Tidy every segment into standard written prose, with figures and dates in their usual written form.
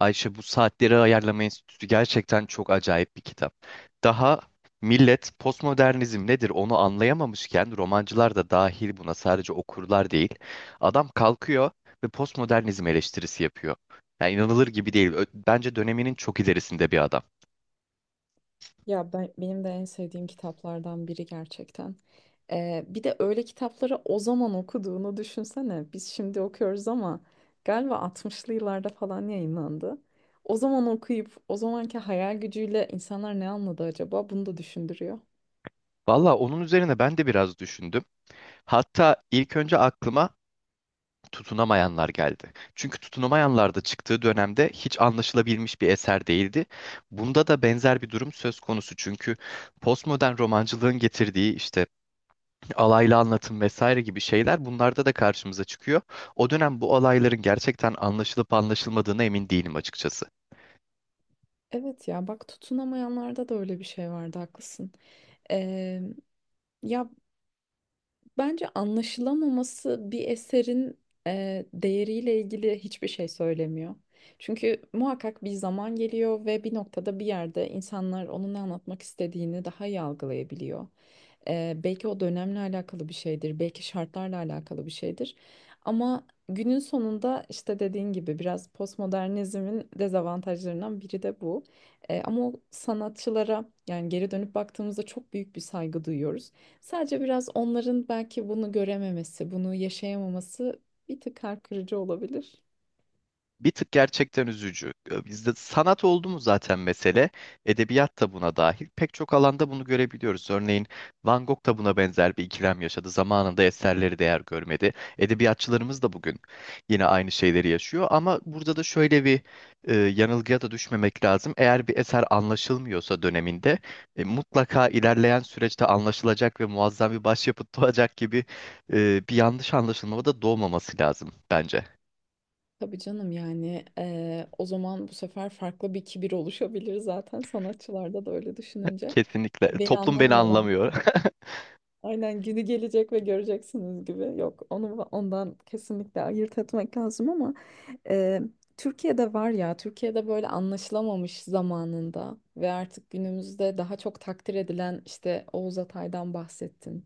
Ayşe bu saatleri ayarlama enstitüsü gerçekten çok acayip bir kitap. Daha millet postmodernizm nedir onu anlayamamışken romancılar da dahil buna sadece okurlar değil. Adam kalkıyor ve postmodernizm eleştirisi yapıyor. Yani inanılır gibi değil. Bence döneminin çok ilerisinde bir adam. Ya ben, benim de en sevdiğim kitaplardan biri gerçekten. Bir de öyle kitapları o zaman okuduğunu düşünsene. Biz şimdi okuyoruz ama galiba 60'lı yıllarda falan yayınlandı. O zaman okuyup o zamanki hayal gücüyle insanlar ne anladı acaba? Bunu da düşündürüyor. Valla onun üzerine ben de biraz düşündüm. Hatta ilk önce aklıma tutunamayanlar geldi. Çünkü tutunamayanlar da çıktığı dönemde hiç anlaşılabilmiş bir eser değildi. Bunda da benzer bir durum söz konusu. Çünkü postmodern romancılığın getirdiği işte alaylı anlatım vesaire gibi şeyler bunlarda da karşımıza çıkıyor. O dönem bu alayların gerçekten anlaşılıp anlaşılmadığına emin değilim açıkçası. Evet ya bak, tutunamayanlarda da öyle bir şey vardı, haklısın. Ee, ya Bence anlaşılamaması bir eserin değeriyle ilgili hiçbir şey söylemiyor. Çünkü muhakkak bir zaman geliyor ve bir noktada bir yerde insanlar onun ne anlatmak istediğini daha iyi algılayabiliyor. Belki o dönemle alakalı bir şeydir, belki şartlarla alakalı bir şeydir. Ama günün sonunda işte dediğin gibi biraz postmodernizmin dezavantajlarından biri de bu. Ama o sanatçılara yani geri dönüp baktığımızda çok büyük bir saygı duyuyoruz. Sadece biraz onların belki bunu görememesi, bunu yaşayamaması bir tık kalp kırıcı olabilir. Bir tık gerçekten üzücü. Bizde sanat oldu mu zaten mesele, edebiyat da buna dahil. Pek çok alanda bunu görebiliyoruz. Örneğin Van Gogh da buna benzer bir ikilem yaşadı. Zamanında eserleri değer görmedi. Edebiyatçılarımız da bugün yine aynı şeyleri yaşıyor. Ama burada da şöyle bir yanılgıya da düşmemek lazım. Eğer bir eser anlaşılmıyorsa döneminde mutlaka ilerleyen süreçte anlaşılacak ve muazzam bir başyapıt doğacak gibi bir yanlış anlaşılma da doğmaması lazım bence. Tabii canım, yani o zaman bu sefer farklı bir kibir oluşabilir zaten sanatçılarda da öyle düşününce. Kesinlikle. Beni Toplum beni anlamıyorlar. anlamıyor. Aynen, günü gelecek ve göreceksiniz gibi. Yok, onu ondan kesinlikle ayırt etmek lazım ama e, Türkiye'de var ya, Türkiye'de böyle anlaşılamamış zamanında ve artık günümüzde daha çok takdir edilen işte Oğuz Atay'dan bahsettin.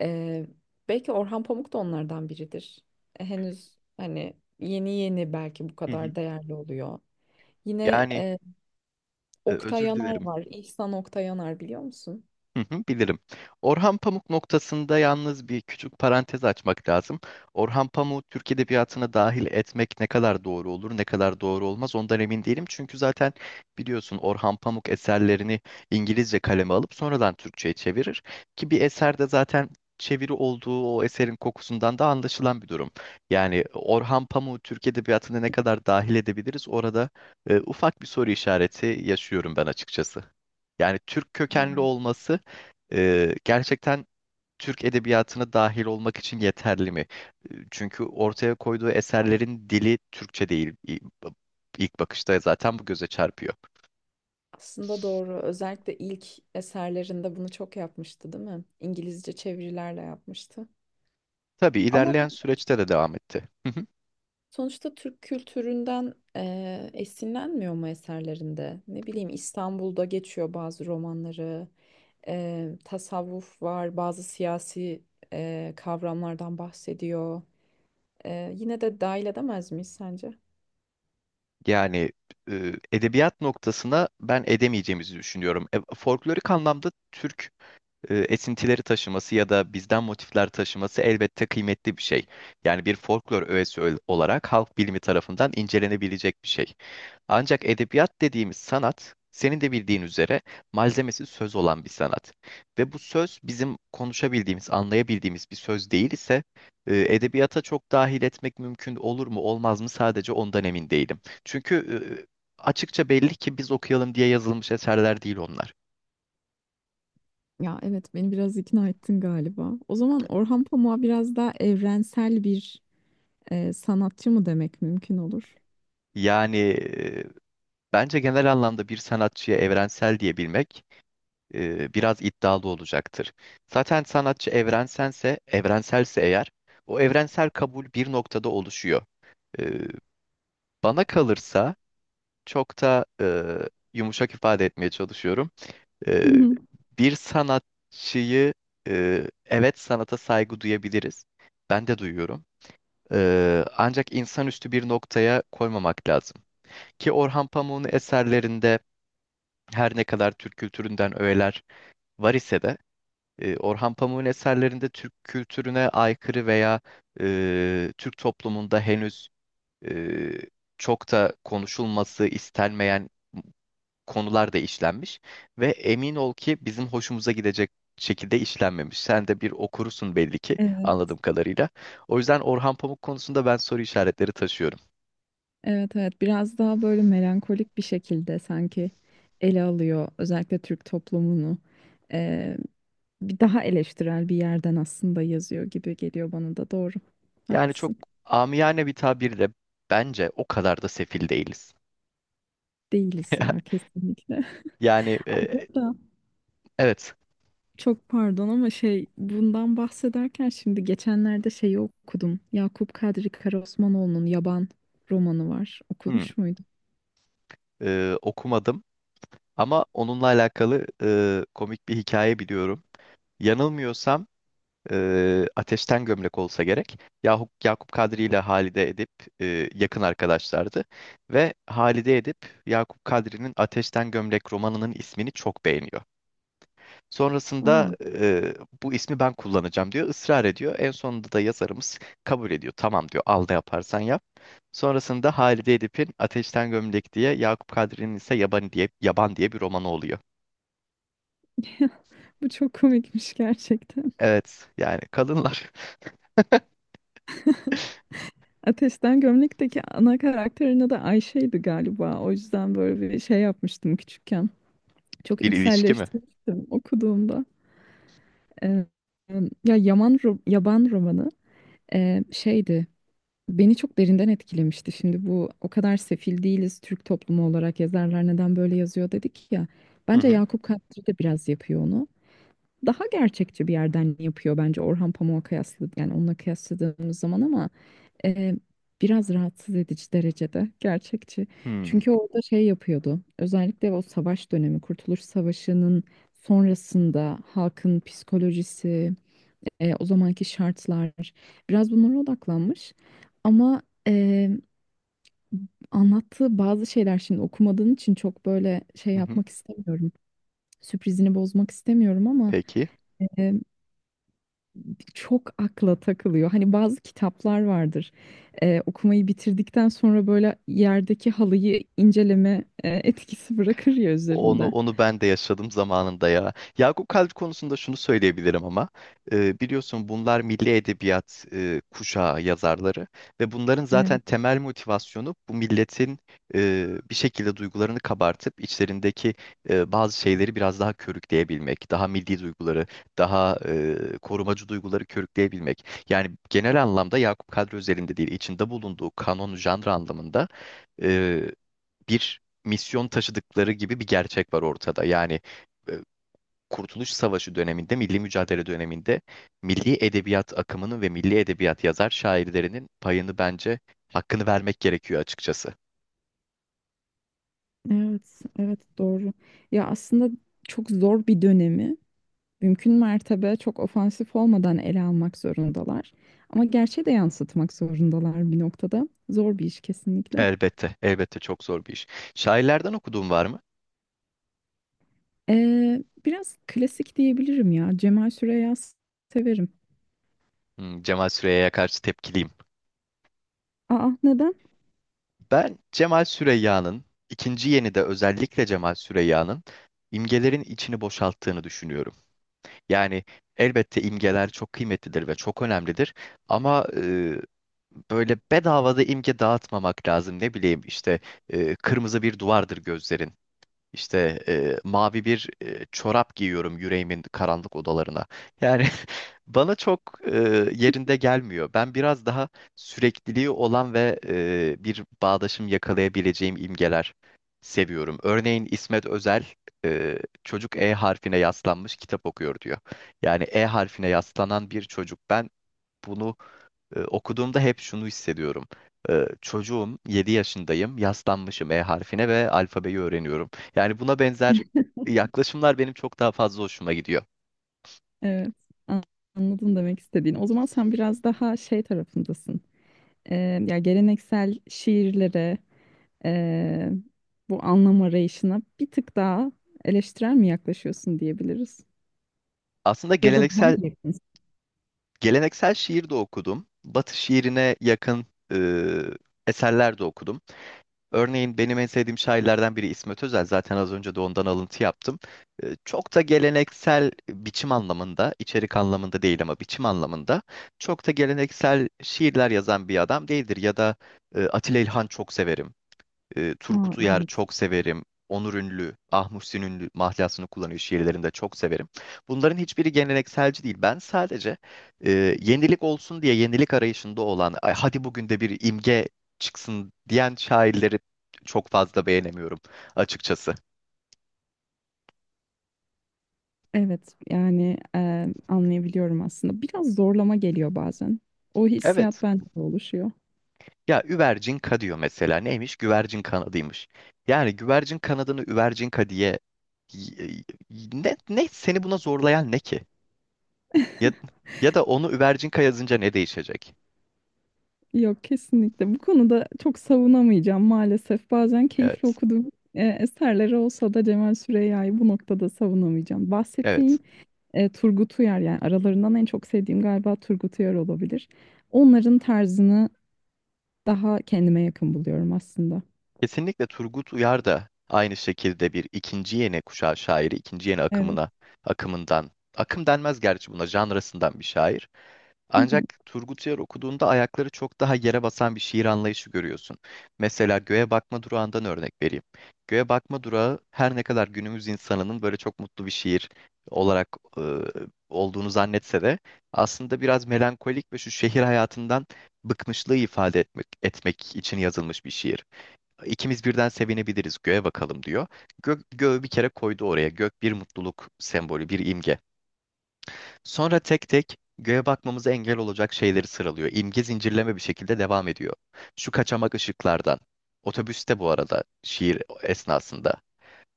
E, Belki Orhan Pamuk da onlardan biridir. E, henüz hani yeni yeni belki bu Hı hı. kadar değerli oluyor. Yine Yani Oktay özür Yanar dilerim. var. İhsan Oktay Yanar, biliyor musun? Hı hı, bilirim. Orhan Pamuk noktasında yalnız bir küçük parantez açmak lazım. Orhan Pamuk'u Türk edebiyatına dahil etmek ne kadar doğru olur, ne kadar doğru olmaz ondan emin değilim. Çünkü zaten biliyorsun Orhan Pamuk eserlerini İngilizce kaleme alıp sonradan Türkçe'ye çevirir. Ki bir eserde zaten çeviri olduğu o eserin kokusundan da anlaşılan bir durum. Yani Orhan Pamuk'u Türk edebiyatına ne kadar dahil edebiliriz orada ufak bir soru işareti yaşıyorum ben açıkçası. Yani Türk Ha. kökenli olması gerçekten Türk edebiyatına dahil olmak için yeterli mi? Çünkü ortaya koyduğu eserlerin dili Türkçe değil. İlk bakışta zaten bu göze çarpıyor. Aslında doğru. Özellikle ilk eserlerinde bunu çok yapmıştı, değil mi? İngilizce çevirilerle yapmıştı. Tabii Ama ilerleyen süreçte de devam etti. Hı hı. sonuçta Türk kültüründen esinlenmiyor mu eserlerinde? Ne bileyim, İstanbul'da geçiyor bazı romanları. Tasavvuf var, bazı siyasi kavramlardan bahsediyor. Yine de dahil edemez miyiz sence? Yani edebiyat noktasına ben edemeyeceğimizi düşünüyorum. Folklorik anlamda Türk esintileri taşıması ya da bizden motifler taşıması elbette kıymetli bir şey. Yani bir folklor öğesi olarak halk bilimi tarafından incelenebilecek bir şey. Ancak edebiyat dediğimiz sanat, senin de bildiğin üzere malzemesi söz olan bir sanat. Ve bu söz bizim konuşabildiğimiz, anlayabildiğimiz bir söz değil ise edebiyata çok dahil etmek mümkün olur mu, olmaz mı sadece ondan emin değilim. Çünkü e, açıkça belli ki biz okuyalım diye yazılmış eserler değil onlar. Ya evet, beni biraz ikna ettin galiba. O zaman Orhan Pamuk'a biraz daha evrensel bir sanatçı mı demek mümkün olur? Yani Bence genel anlamda bir sanatçıya evrensel diyebilmek biraz iddialı olacaktır. Zaten sanatçı evrenselse eğer, o evrensel kabul bir noktada oluşuyor. E, Bana kalırsa çok da yumuşak ifade etmeye çalışıyorum. E, Bir sanatçıyı evet sanata saygı duyabiliriz. Ben de duyuyorum. Ancak insanüstü bir noktaya koymamak lazım. Ki Orhan Pamuk'un eserlerinde her ne kadar Türk kültüründen öğeler var ise de Orhan Pamuk'un eserlerinde Türk kültürüne aykırı veya Türk toplumunda henüz e, çok da konuşulması istenmeyen konular da işlenmiş ve emin ol ki bizim hoşumuza gidecek şekilde işlenmemiş. Sen de bir okurusun belli ki Evet, anladığım kadarıyla. O yüzden Orhan Pamuk konusunda ben soru işaretleri taşıyorum. evet, evet. Biraz daha böyle melankolik bir şekilde sanki ele alıyor özellikle Türk toplumunu. Ee, Bir daha eleştirel bir yerden aslında yazıyor gibi geliyor bana da, doğru. Yani çok Haklısın. amiyane bir tabirle bence o kadar da sefil değiliz. Değiliz ya, kesinlikle. Yani Da. Evet. Çok pardon ama şey, bundan bahsederken şimdi geçenlerde şeyi okudum. Yakup Kadri Karaosmanoğlu'nun Yaban romanı var. Hmm. Okumuş muydun? Okumadım ama onunla alakalı komik bir hikaye biliyorum. Yanılmıyorsam Ateşten Gömlek olsa gerek. Yakup Kadri ile Halide Edip yakın arkadaşlardı. Ve Halide Edip Yakup Kadri'nin Ateşten Gömlek romanının ismini çok beğeniyor. Sonrasında Aa, bu ismi ben kullanacağım diyor. Israr ediyor. En sonunda da yazarımız kabul ediyor. Tamam diyor al ne yaparsan yap. Sonrasında Halide Edip'in Ateşten Gömlek diye Yakup Kadri'nin ise Yaban diye bir romanı oluyor. bu çok komikmiş gerçekten. Evet yani kadınlar Ateşten Gömlek'teki ana karakterin adı Ayşe'ydi galiba. O yüzden böyle bir şey yapmıştım küçükken. Çok bir ilişki mi? içselleştirmiştim okuduğumda. Ee, ya Yaban romanı şeydi. Beni çok derinden etkilemişti. Şimdi bu o kadar sefil değiliz Türk toplumu olarak, yazarlar neden böyle yazıyor dedik ya. Hı Bence hı. Yakup Kadri de biraz yapıyor onu. Daha gerçekçi bir yerden yapıyor bence Orhan Pamuk'a kıyaslı, yani onunla kıyasladığımız zaman, ama e, biraz rahatsız edici derecede gerçekçi. Hmm, Çünkü orada şey yapıyordu. Özellikle o savaş dönemi, Kurtuluş Savaşı'nın sonrasında halkın psikolojisi, o zamanki şartlar, biraz bunlara odaklanmış. Ama e, anlattığı bazı şeyler, şimdi okumadığın için çok böyle şey hı hı. yapmak istemiyorum. Sürprizini bozmak istemiyorum ama Peki. çok akla takılıyor. Hani bazı kitaplar vardır. Okumayı bitirdikten sonra böyle yerdeki halıyı inceleme etkisi bırakır ya Onu üzerinde. onu ben de yaşadım zamanında ya. Yakup Kadri konusunda şunu söyleyebilirim ama biliyorsun bunlar milli edebiyat kuşağı yazarları ve bunların Evet, zaten temel motivasyonu bu milletin bir şekilde duygularını kabartıp içlerindeki bazı şeyleri biraz daha körükleyebilmek, daha milli duyguları, daha korumacı duyguları körükleyebilmek. Yani genel anlamda Yakup Kadri özelinde değil, içinde bulunduğu kanon, janr anlamında bir misyon taşıdıkları gibi bir gerçek var ortada. Yani e, Kurtuluş Savaşı döneminde, milli mücadele döneminde milli edebiyat akımının ve milli edebiyat yazar şairlerinin payını bence hakkını vermek gerekiyor açıkçası. evet, evet, doğru. Ya aslında çok zor bir dönemi mümkün mertebe çok ofansif olmadan ele almak zorundalar. Ama gerçeği de yansıtmak zorundalar bir noktada. Zor bir iş kesinlikle. Elbette, elbette çok zor bir iş. Şairlerden okuduğum var mı? Biraz klasik diyebilirim ya. Cemal Süreya severim. Cemal Süreyya'ya karşı tepkiliyim. Aa, neden? Ben Cemal Süreyya'nın, ikinci yenide özellikle Cemal Süreyya'nın imgelerin içini boşalttığını düşünüyorum. Yani elbette imgeler çok kıymetlidir ve çok önemlidir ama böyle bedavada imge dağıtmamak lazım. Ne bileyim işte kırmızı bir duvardır gözlerin. İşte mavi bir çorap giyiyorum yüreğimin karanlık odalarına. Yani bana çok e, yerinde gelmiyor. Ben biraz daha sürekliliği olan ve bir bağdaşım yakalayabileceğim imgeler seviyorum. Örneğin İsmet Özel e, çocuk E harfine yaslanmış kitap okuyor diyor. Yani E harfine yaslanan bir çocuk. Ben bunu okuduğumda hep şunu hissediyorum. Çocuğum, 7 yaşındayım, yaslanmışım E harfine ve alfabeyi öğreniyorum. Yani buna benzer yaklaşımlar benim çok daha fazla hoşuma gidiyor. Evet, an- anladım demek istediğini. O zaman sen biraz daha şey tarafındasın. Ee, ya geleneksel şiirlere, ee, bu anlam arayışına bir tık daha eleştirel mi yaklaşıyorsun diyebiliriz? Aslında Ya da daha mı geleneksel yakınsın? geleneksel şiir de okudum. Batı şiirine yakın e, eserler de okudum. Örneğin benim en sevdiğim şairlerden biri İsmet Özel. Zaten az önce de ondan alıntı yaptım. Çok da geleneksel biçim anlamında, içerik anlamında değil ama biçim anlamında çok da geleneksel şiirler yazan bir adam değildir. Ya da Atilla İlhan çok severim. Aa, Turgut Uyar evet. çok severim. Onur Ünlü, Ah Muhsin Ünlü mahlasını kullanıyor şiirlerinde çok severim. Bunların hiçbiri gelenekselci değil. Ben sadece e, yenilik olsun diye yenilik arayışında olan, "Ay, hadi bugün de bir imge çıksın diyen şairleri çok fazla beğenemiyorum açıkçası. Evet yani, anlayabiliyorum aslında. Biraz zorlama geliyor bazen. O Evet. hissiyat bende de oluşuyor. Ya üvercinka diyor mesela. Neymiş? Güvercin kanadıymış. Yani güvercin kanadını üvercinka diye y- ne seni buna zorlayan ne ki? Ya, ya da onu Üvercinkaya yazınca ne değişecek? Yok, kesinlikle. Bu konuda çok savunamayacağım maalesef. Bazen keyifli Evet. okuduğum eserleri olsa da Cemal Süreyya'yı bu noktada savunamayacağım. Evet. Bahsettiğim Turgut Uyar, yani aralarından en çok sevdiğim galiba Turgut Uyar olabilir. Onların tarzını daha kendime yakın buluyorum aslında. Kesinlikle Turgut Uyar da aynı şekilde bir ikinci yeni kuşağı şairi, ikinci yeni Evet. akımına, akımından, akım denmez gerçi buna, janrasından bir şair. Hı hı, Ancak Turgut Uyar okuduğunda ayakları çok daha yere basan bir şiir anlayışı görüyorsun. Mesela Göğe Bakma Durağı'ndan örnek vereyim. Göğe Bakma Durağı her ne kadar günümüz insanının böyle çok mutlu bir şiir olarak olduğunu zannetse de aslında biraz melankolik ve şu şehir hayatından bıkmışlığı ifade etmek için yazılmış bir şiir. İkimiz birden sevinebiliriz göğe bakalım diyor. Gök, göğü bir kere koydu oraya. Gök bir mutluluk sembolü, bir imge. Sonra tek tek göğe bakmamıza engel olacak şeyleri sıralıyor. İmge zincirleme bir şekilde devam ediyor. Şu kaçamak ışıklardan. Otobüste bu arada şiir esnasında.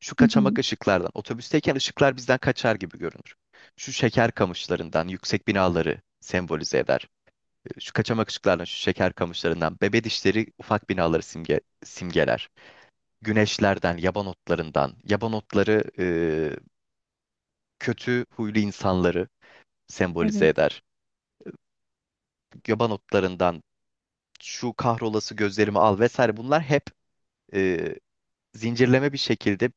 Şu hı hı. kaçamak ışıklardan. Otobüsteyken ışıklar bizden kaçar gibi görünür. Şu şeker kamışlarından yüksek binaları sembolize eder. Şu kaçamak ışıklardan, şu şeker kamışlarından, bebe dişleri ufak binaları simgeler. Güneşlerden, yaban otlarından, yaban otları kötü huylu insanları sembolize Evet. eder göba notlarından şu kahrolası gözlerimi al vesaire bunlar hep e, zincirleme bir şekilde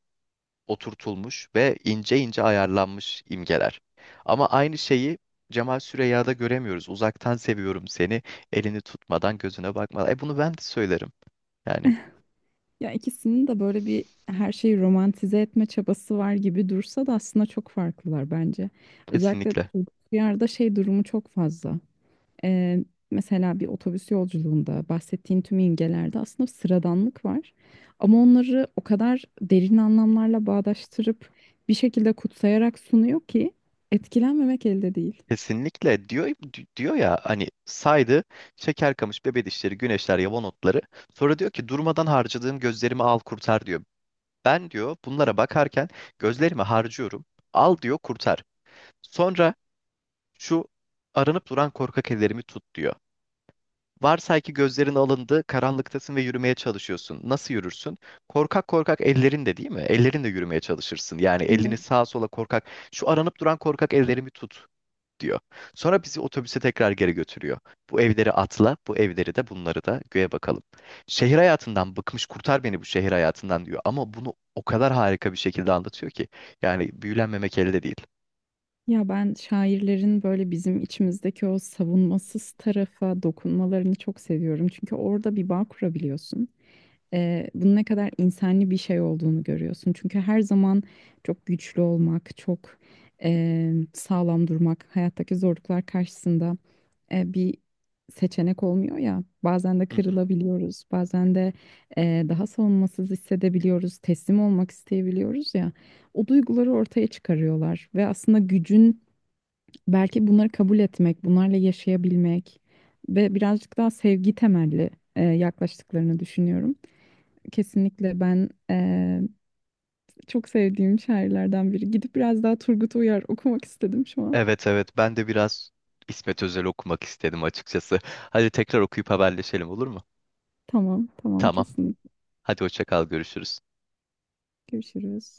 oturtulmuş ve ince ince ayarlanmış imgeler. Ama aynı şeyi Cemal Süreyya'da göremiyoruz. Uzaktan seviyorum seni, elini tutmadan gözüne bakmadan. Bunu ben de söylerim. Yani Ya ikisinin de böyle bir her şeyi romantize etme çabası var gibi dursa da aslında çok farklılar bence. Özellikle kesinlikle. yerde şey durumu çok fazla. Ee, Mesela bir otobüs yolculuğunda bahsettiğin tüm imgelerde aslında sıradanlık var. Ama onları o kadar derin anlamlarla bağdaştırıp bir şekilde kutsayarak sunuyor ki etkilenmemek elde değil. Kesinlikle diyor diyor ya hani saydı şeker kamış bebe dişleri güneşler yava notları sonra diyor ki durmadan harcadığım gözlerimi al kurtar diyor. Ben diyor bunlara bakarken gözlerimi harcıyorum. Al diyor kurtar. Sonra şu aranıp duran korkak ellerimi tut diyor. Varsay ki gözlerin alındı, karanlıktasın ve yürümeye çalışıyorsun. Nasıl yürürsün? Korkak korkak ellerin de değil mi? Ellerin de yürümeye çalışırsın. Yani elini Evet. sağa sola korkak. Şu aranıp duran korkak ellerimi tut diyor. Sonra bizi otobüse tekrar geri götürüyor. Bu evleri atla, bu evleri de bunları da göğe bakalım. Şehir hayatından bıkmış kurtar beni bu şehir hayatından diyor. Ama bunu o kadar harika bir şekilde anlatıyor ki. Yani büyülenmemek elde değil. Ya ben şairlerin böyle bizim içimizdeki o savunmasız tarafa dokunmalarını çok seviyorum. Çünkü orada bir bağ kurabiliyorsun. Bunun ne kadar insani bir şey olduğunu görüyorsun. Çünkü her zaman çok güçlü olmak, çok sağlam durmak, hayattaki zorluklar karşısında bir seçenek olmuyor ya. Bazen de Hı hı. kırılabiliyoruz, bazen de daha savunmasız hissedebiliyoruz, teslim olmak isteyebiliyoruz ya. O duyguları ortaya çıkarıyorlar ve aslında gücün belki bunları kabul etmek, bunlarla yaşayabilmek ve birazcık daha sevgi temelli yaklaştıklarını düşünüyorum. Kesinlikle ben, çok sevdiğim şairlerden biri. Gidip biraz daha Turgut Uyar okumak istedim şu an. Evet, evet, ben de biraz İsmet Özel okumak istedim açıkçası. Hadi tekrar okuyup haberleşelim olur mu? Tamam, tamam, Tamam. kesinlikle. Hadi hoşça kal görüşürüz. Görüşürüz.